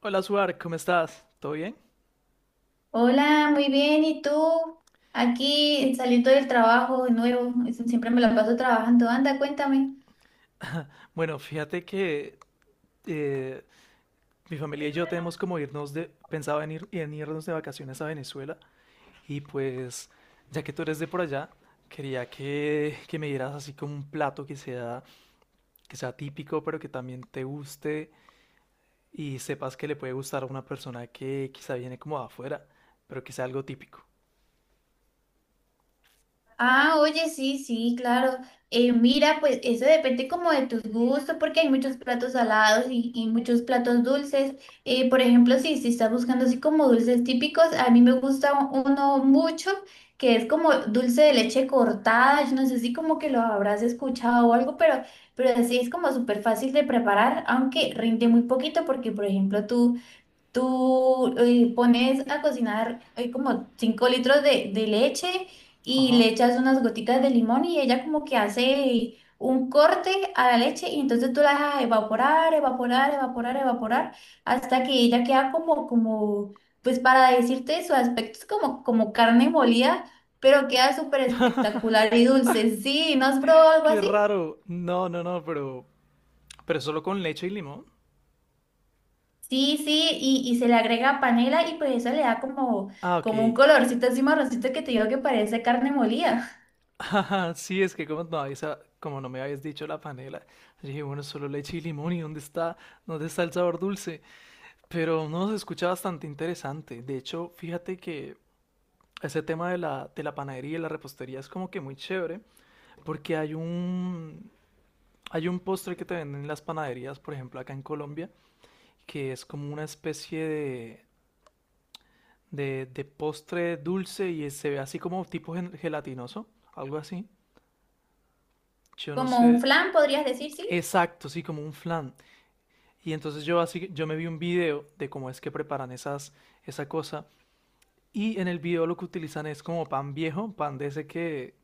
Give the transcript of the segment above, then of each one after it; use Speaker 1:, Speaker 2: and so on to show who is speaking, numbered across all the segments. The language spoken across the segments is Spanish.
Speaker 1: Hola, Suar, ¿cómo estás? ¿Todo bien?
Speaker 2: Hola, muy bien. ¿Y tú? Aquí saliendo del trabajo de nuevo. Eso siempre me la paso trabajando. Anda, cuéntame.
Speaker 1: Bueno, fíjate que eh, mi familia y yo tenemos como irnos de, pensaba en, ir, en irnos de vacaciones a Venezuela y pues ya que tú eres de por allá, quería que me dieras así como un plato que sea típico pero que también te guste y sepas que le puede gustar a una persona que quizá viene como de afuera, pero que sea algo típico.
Speaker 2: Ah, oye, sí, sí, claro. Mira, pues eso depende como de tus gustos, porque hay muchos platos salados y muchos platos dulces. Por ejemplo, si estás buscando así como dulces típicos, a mí me gusta uno mucho que es como dulce de leche cortada. Yo no sé si como que lo habrás escuchado o algo, pero así es como súper fácil de preparar, aunque rinde muy poquito, porque por ejemplo tú pones a cocinar como 5 litros de leche y
Speaker 1: Ajá.
Speaker 2: le echas unas gotitas de limón y ella como que hace un corte a la leche y entonces tú la dejas evaporar, evaporar, evaporar, evaporar hasta que ella queda como pues para decirte su aspecto es como, como carne molida, pero queda súper espectacular y dulce. Sí, ¿no has probado algo
Speaker 1: Qué
Speaker 2: así?
Speaker 1: raro. No, no, no, pero solo con leche y limón.
Speaker 2: Sí, sí, y se le agrega panela y pues eso le da como,
Speaker 1: Ah, ok.
Speaker 2: como un colorcito así marroncito que te digo que parece carne molida.
Speaker 1: Ajá, sí, es que como no, como no me habías dicho la panela, yo dije, bueno, solo leche y limón, ¿y dónde está el sabor dulce? Pero no, se escucha bastante interesante. De hecho, fíjate que ese tema de la panadería y la repostería es como que muy chévere, porque hay un postre que te venden en las panaderías, por ejemplo, acá en Colombia, que es como una especie de postre dulce y se ve así como tipo gelatinoso, algo así. Yo no
Speaker 2: Como un
Speaker 1: sé.
Speaker 2: flan, podrías decir, sí.
Speaker 1: Exacto, sí, como un flan. Y entonces yo así, yo me vi un video de cómo es que preparan esa cosa. Y en el video lo que utilizan es como pan viejo, pan de ese que,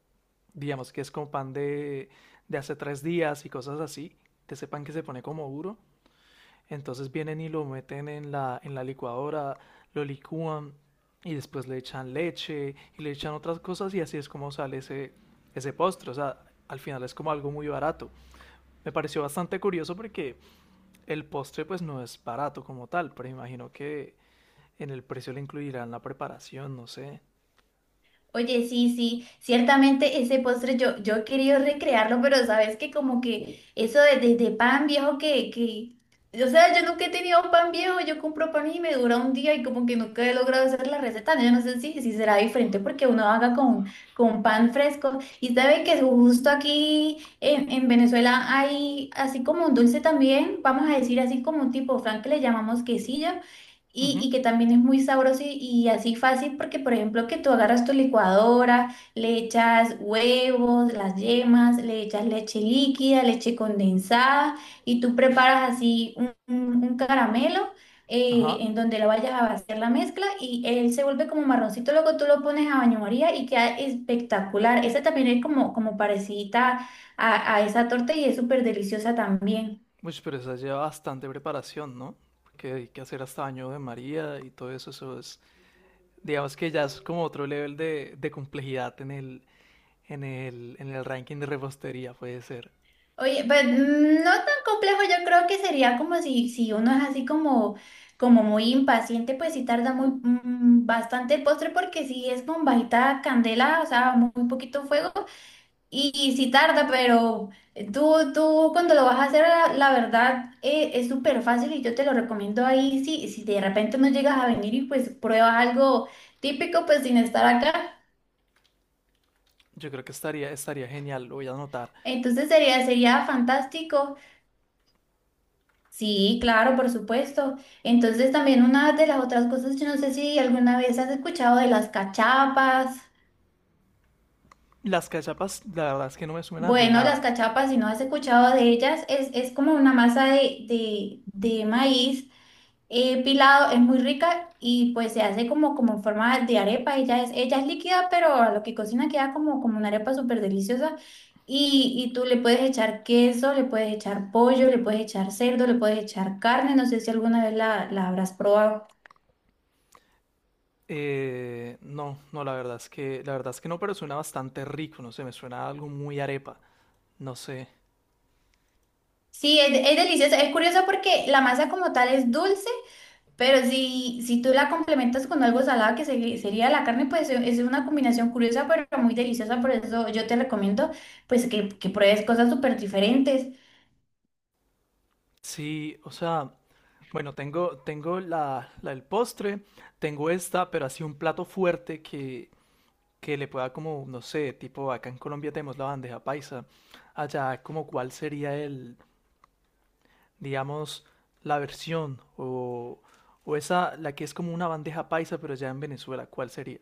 Speaker 1: digamos que es como pan de hace tres días y cosas así, de ese pan que se pone como duro. Entonces vienen y lo meten en la licuadora, lo licúan y después le echan leche y le echan otras cosas y así es como sale ese postre. O sea, al final es como algo muy barato. Me pareció bastante curioso porque el postre pues no es barato como tal, pero imagino que en el precio le incluirán la preparación, no sé.
Speaker 2: Oye, sí, sí, ciertamente ese postre yo he querido recrearlo, pero sabes que como que eso de pan viejo que, o sea, yo nunca he tenido un pan viejo, yo compro pan y me dura un día y como que nunca he logrado hacer la receta, yo no sé si será diferente porque uno haga con pan fresco y sabe que justo aquí en Venezuela hay así como un dulce también, vamos a decir así como un tipo flan que le llamamos quesillo y,
Speaker 1: Ujú.
Speaker 2: y que también es muy sabroso y así fácil porque, por ejemplo, que tú agarras tu licuadora, le echas huevos, las yemas, le echas leche líquida, leche condensada y tú preparas así un, un caramelo
Speaker 1: Ajá.
Speaker 2: en donde lo vayas a vaciar la mezcla y él se vuelve como marroncito, luego tú lo pones a baño María y queda espectacular. Esa también es como, como parecida a esa torta y es súper deliciosa también.
Speaker 1: Pues pero esa lleva bastante preparación, ¿no? Porque hay que hacer hasta baño de María y todo eso, eso es, digamos que ya es como otro nivel de complejidad en el ranking de repostería, puede ser.
Speaker 2: Oye, pues no tan complejo, yo creo que sería como si uno es así como, como muy impaciente, pues sí tarda muy bastante el postre porque sí es con bajita candela, o sea, muy, muy poquito fuego y sí tarda, pero tú cuando lo vas a hacer, la verdad es súper fácil y yo te lo recomiendo ahí, si de repente no llegas a venir y pues pruebas algo típico, pues sin estar acá,
Speaker 1: Yo creo que estaría genial, lo voy a anotar.
Speaker 2: entonces sería, sería fantástico. Sí, claro, por supuesto. Entonces también una de las otras cosas, yo no sé si alguna vez has escuchado de las cachapas.
Speaker 1: Las cachapas, la verdad es que no me suena de
Speaker 2: Bueno, las
Speaker 1: nada.
Speaker 2: cachapas, si no has escuchado de ellas, es como una masa de maíz pilado, es muy rica y pues se hace como, como en forma de arepa. Ella es líquida, pero a lo que cocina queda como, como una arepa súper deliciosa. Y tú le puedes echar queso, le puedes echar pollo, le puedes echar cerdo, le puedes echar carne. No sé si alguna vez la habrás probado.
Speaker 1: No, la verdad es que no, pero suena bastante rico, no sé, me suena a algo muy arepa, no sé.
Speaker 2: Sí, es delicioso. Es curioso porque la masa como tal es dulce, pero si tú la complementas con algo salado, que sería la carne, pues es una combinación curiosa, pero muy deliciosa. Por eso yo te recomiendo pues que pruebes cosas súper diferentes.
Speaker 1: Sí, o sea, bueno, tengo la del postre, tengo esta, pero así un plato fuerte que le pueda como, no sé, tipo acá en Colombia tenemos la bandeja paisa, allá como cuál sería el, digamos, la versión o esa, la que es como una bandeja paisa, pero allá en Venezuela, ¿cuál sería?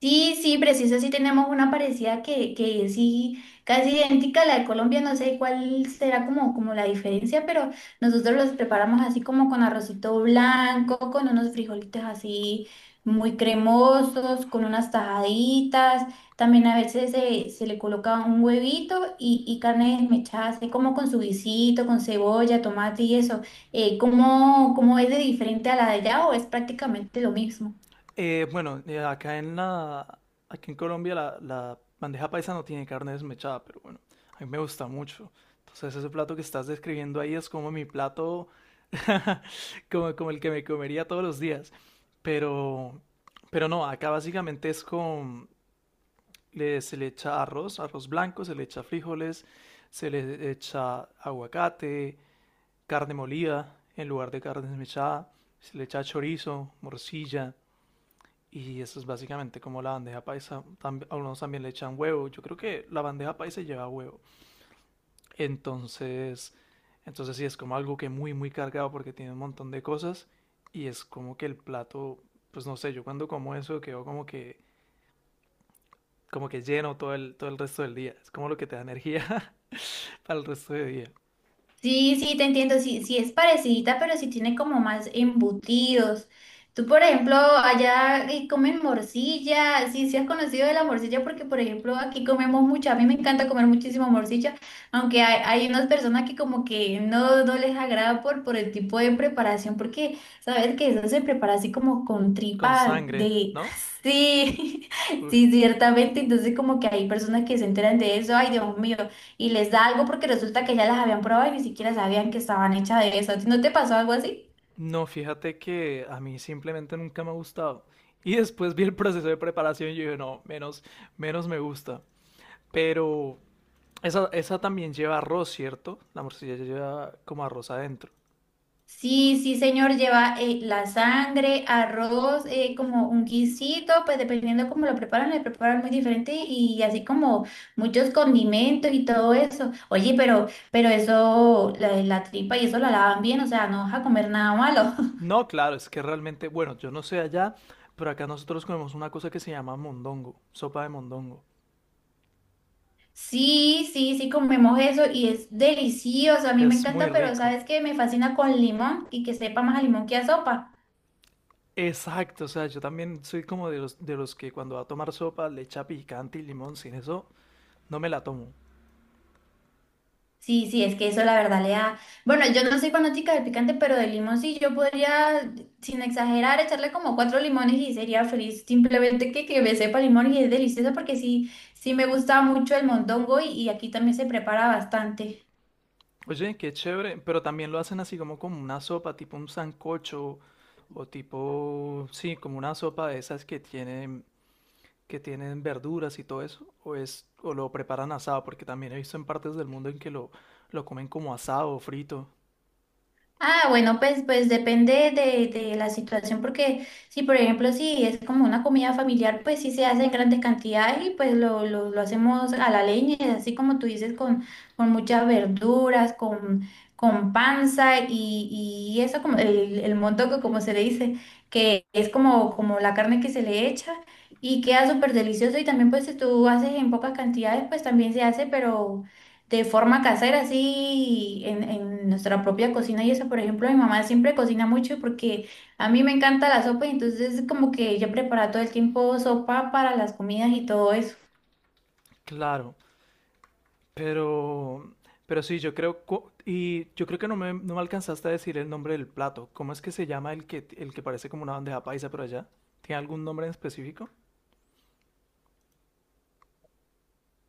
Speaker 2: Sí, sí, preciso, sí tenemos una parecida que es sí, casi idéntica a la de Colombia, no sé cuál será como, como la diferencia, pero nosotros los preparamos así como con arrocito blanco, con unos frijolitos así muy cremosos, con unas tajaditas, también a veces se le coloca un huevito y carne desmechada, así como con su guisito, con cebolla, tomate y eso. ¿Cómo, cómo es de diferente a la de allá o es prácticamente lo mismo?
Speaker 1: Bueno, aquí en Colombia la bandeja paisa no tiene carne desmechada, pero bueno, a mí me gusta mucho. Entonces ese plato que estás describiendo ahí es como mi plato, como, como el que me comería todos los días. Pero, pero no, acá básicamente es con, se le echa arroz, arroz blanco, se le echa frijoles, se le echa aguacate, carne molida en lugar de carne desmechada, se le echa chorizo, morcilla. Y eso es básicamente como la bandeja paisa. También, algunos también le echan huevo. Yo creo que la bandeja paisa lleva huevo. Entonces, entonces sí, es como algo que muy, muy cargado porque tiene un montón de cosas. Y es como que el plato, pues no sé, yo cuando como eso quedo como que lleno todo el resto del día. Es como lo que te da energía para el resto del día.
Speaker 2: Sí, sí, te entiendo, sí, sí es parecidita, pero sí tiene como más embutidos. Tú, por ejemplo, allá comen morcilla, sí, sí has conocido de la morcilla porque, por ejemplo, aquí comemos mucha, a mí me encanta comer muchísimo morcilla, aunque hay unas personas que como que no les agrada por el tipo de preparación, porque sabes que eso se prepara así como con
Speaker 1: Con
Speaker 2: tripa
Speaker 1: sangre,
Speaker 2: de...
Speaker 1: ¿no?
Speaker 2: Sí,
Speaker 1: Uf.
Speaker 2: sí, ciertamente, entonces como que hay personas que se enteran de eso, ay, Dios mío y les da algo porque resulta que ya las habían probado y ni siquiera sabían que estaban hechas de eso. ¿A ti ¿no te pasó algo así?
Speaker 1: No, fíjate que a mí simplemente nunca me ha gustado. Y después vi el proceso de preparación y yo dije, no, menos, menos me gusta. Pero esa también lleva arroz, ¿cierto? La morcilla ya lleva como arroz adentro.
Speaker 2: Sí, sí, señor, lleva la sangre, arroz, como un guisito, pues dependiendo cómo lo preparan, le preparan muy diferente y así como muchos condimentos y todo eso. Oye, pero eso, la tripa y eso la lavan bien, o sea, no vas a comer nada malo.
Speaker 1: No, claro, es que realmente, bueno, yo no sé allá, pero acá nosotros comemos una cosa que se llama mondongo, sopa de mondongo.
Speaker 2: Sí, sí, sí, comemos eso y es delicioso, a mí me
Speaker 1: Es muy
Speaker 2: encanta, pero
Speaker 1: rico.
Speaker 2: ¿sabes qué? Me fascina con limón y que sepa más a limón que a sopa.
Speaker 1: Exacto, o sea, yo también soy como de los que cuando va a tomar sopa le echa picante y limón, sin eso no me la tomo.
Speaker 2: Sí, sí, es que eso la verdad le da. Bueno, yo no soy fanática del picante, pero de limón sí, yo podría, sin exagerar, echarle como cuatro limones y sería feliz. Simplemente que me sepa limón y es delicioso porque sí, sí me gusta mucho el mondongo y aquí también se prepara bastante.
Speaker 1: Oye, qué chévere, pero también lo hacen así como como una sopa, tipo un sancocho o tipo, sí, como una sopa de esas que tienen verduras y todo eso, o es o lo preparan asado, porque también he visto en partes del mundo en que lo comen como asado o frito.
Speaker 2: Ah, bueno, pues, pues depende de la situación, porque si por ejemplo si es como una comida familiar, pues sí se hace en grandes cantidades y pues lo hacemos a la leña, así como tú dices, con muchas verduras, con panza y eso como el montoco, como se le dice, que es como, como la carne que se le echa y queda súper delicioso y también pues si tú haces en pocas cantidades, pues también se hace, pero de forma casera, así en nuestra propia cocina. Y eso, por ejemplo, mi mamá siempre cocina mucho porque a mí me encanta la sopa y entonces como que ella prepara todo el tiempo sopa para las comidas y todo eso.
Speaker 1: Claro, pero pero sí, yo creo y yo creo que no me no me alcanzaste a decir el nombre del plato. ¿Cómo es que se llama el que parece como una bandeja paisa por allá? ¿Tiene algún nombre en específico?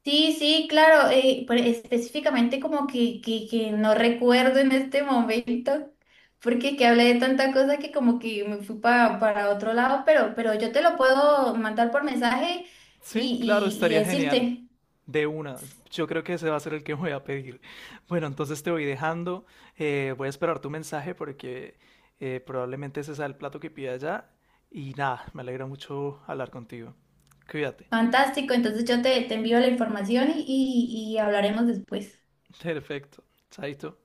Speaker 2: Sí, sí, claro, pero específicamente como que, que no recuerdo en este momento. Porque que hablé de tanta cosa que como que me fui para otro lado, pero yo te lo puedo mandar por mensaje
Speaker 1: Sí, claro,
Speaker 2: y
Speaker 1: estaría genial.
Speaker 2: decirte.
Speaker 1: De una. Yo creo que ese va a ser el que voy a pedir. Bueno, entonces te voy dejando. Voy a esperar tu mensaje porque probablemente ese sea el plato que pida ya. Y nada, me alegra mucho hablar contigo. Cuídate.
Speaker 2: Fantástico, entonces yo te envío la información y hablaremos después.
Speaker 1: Perfecto. Chaito.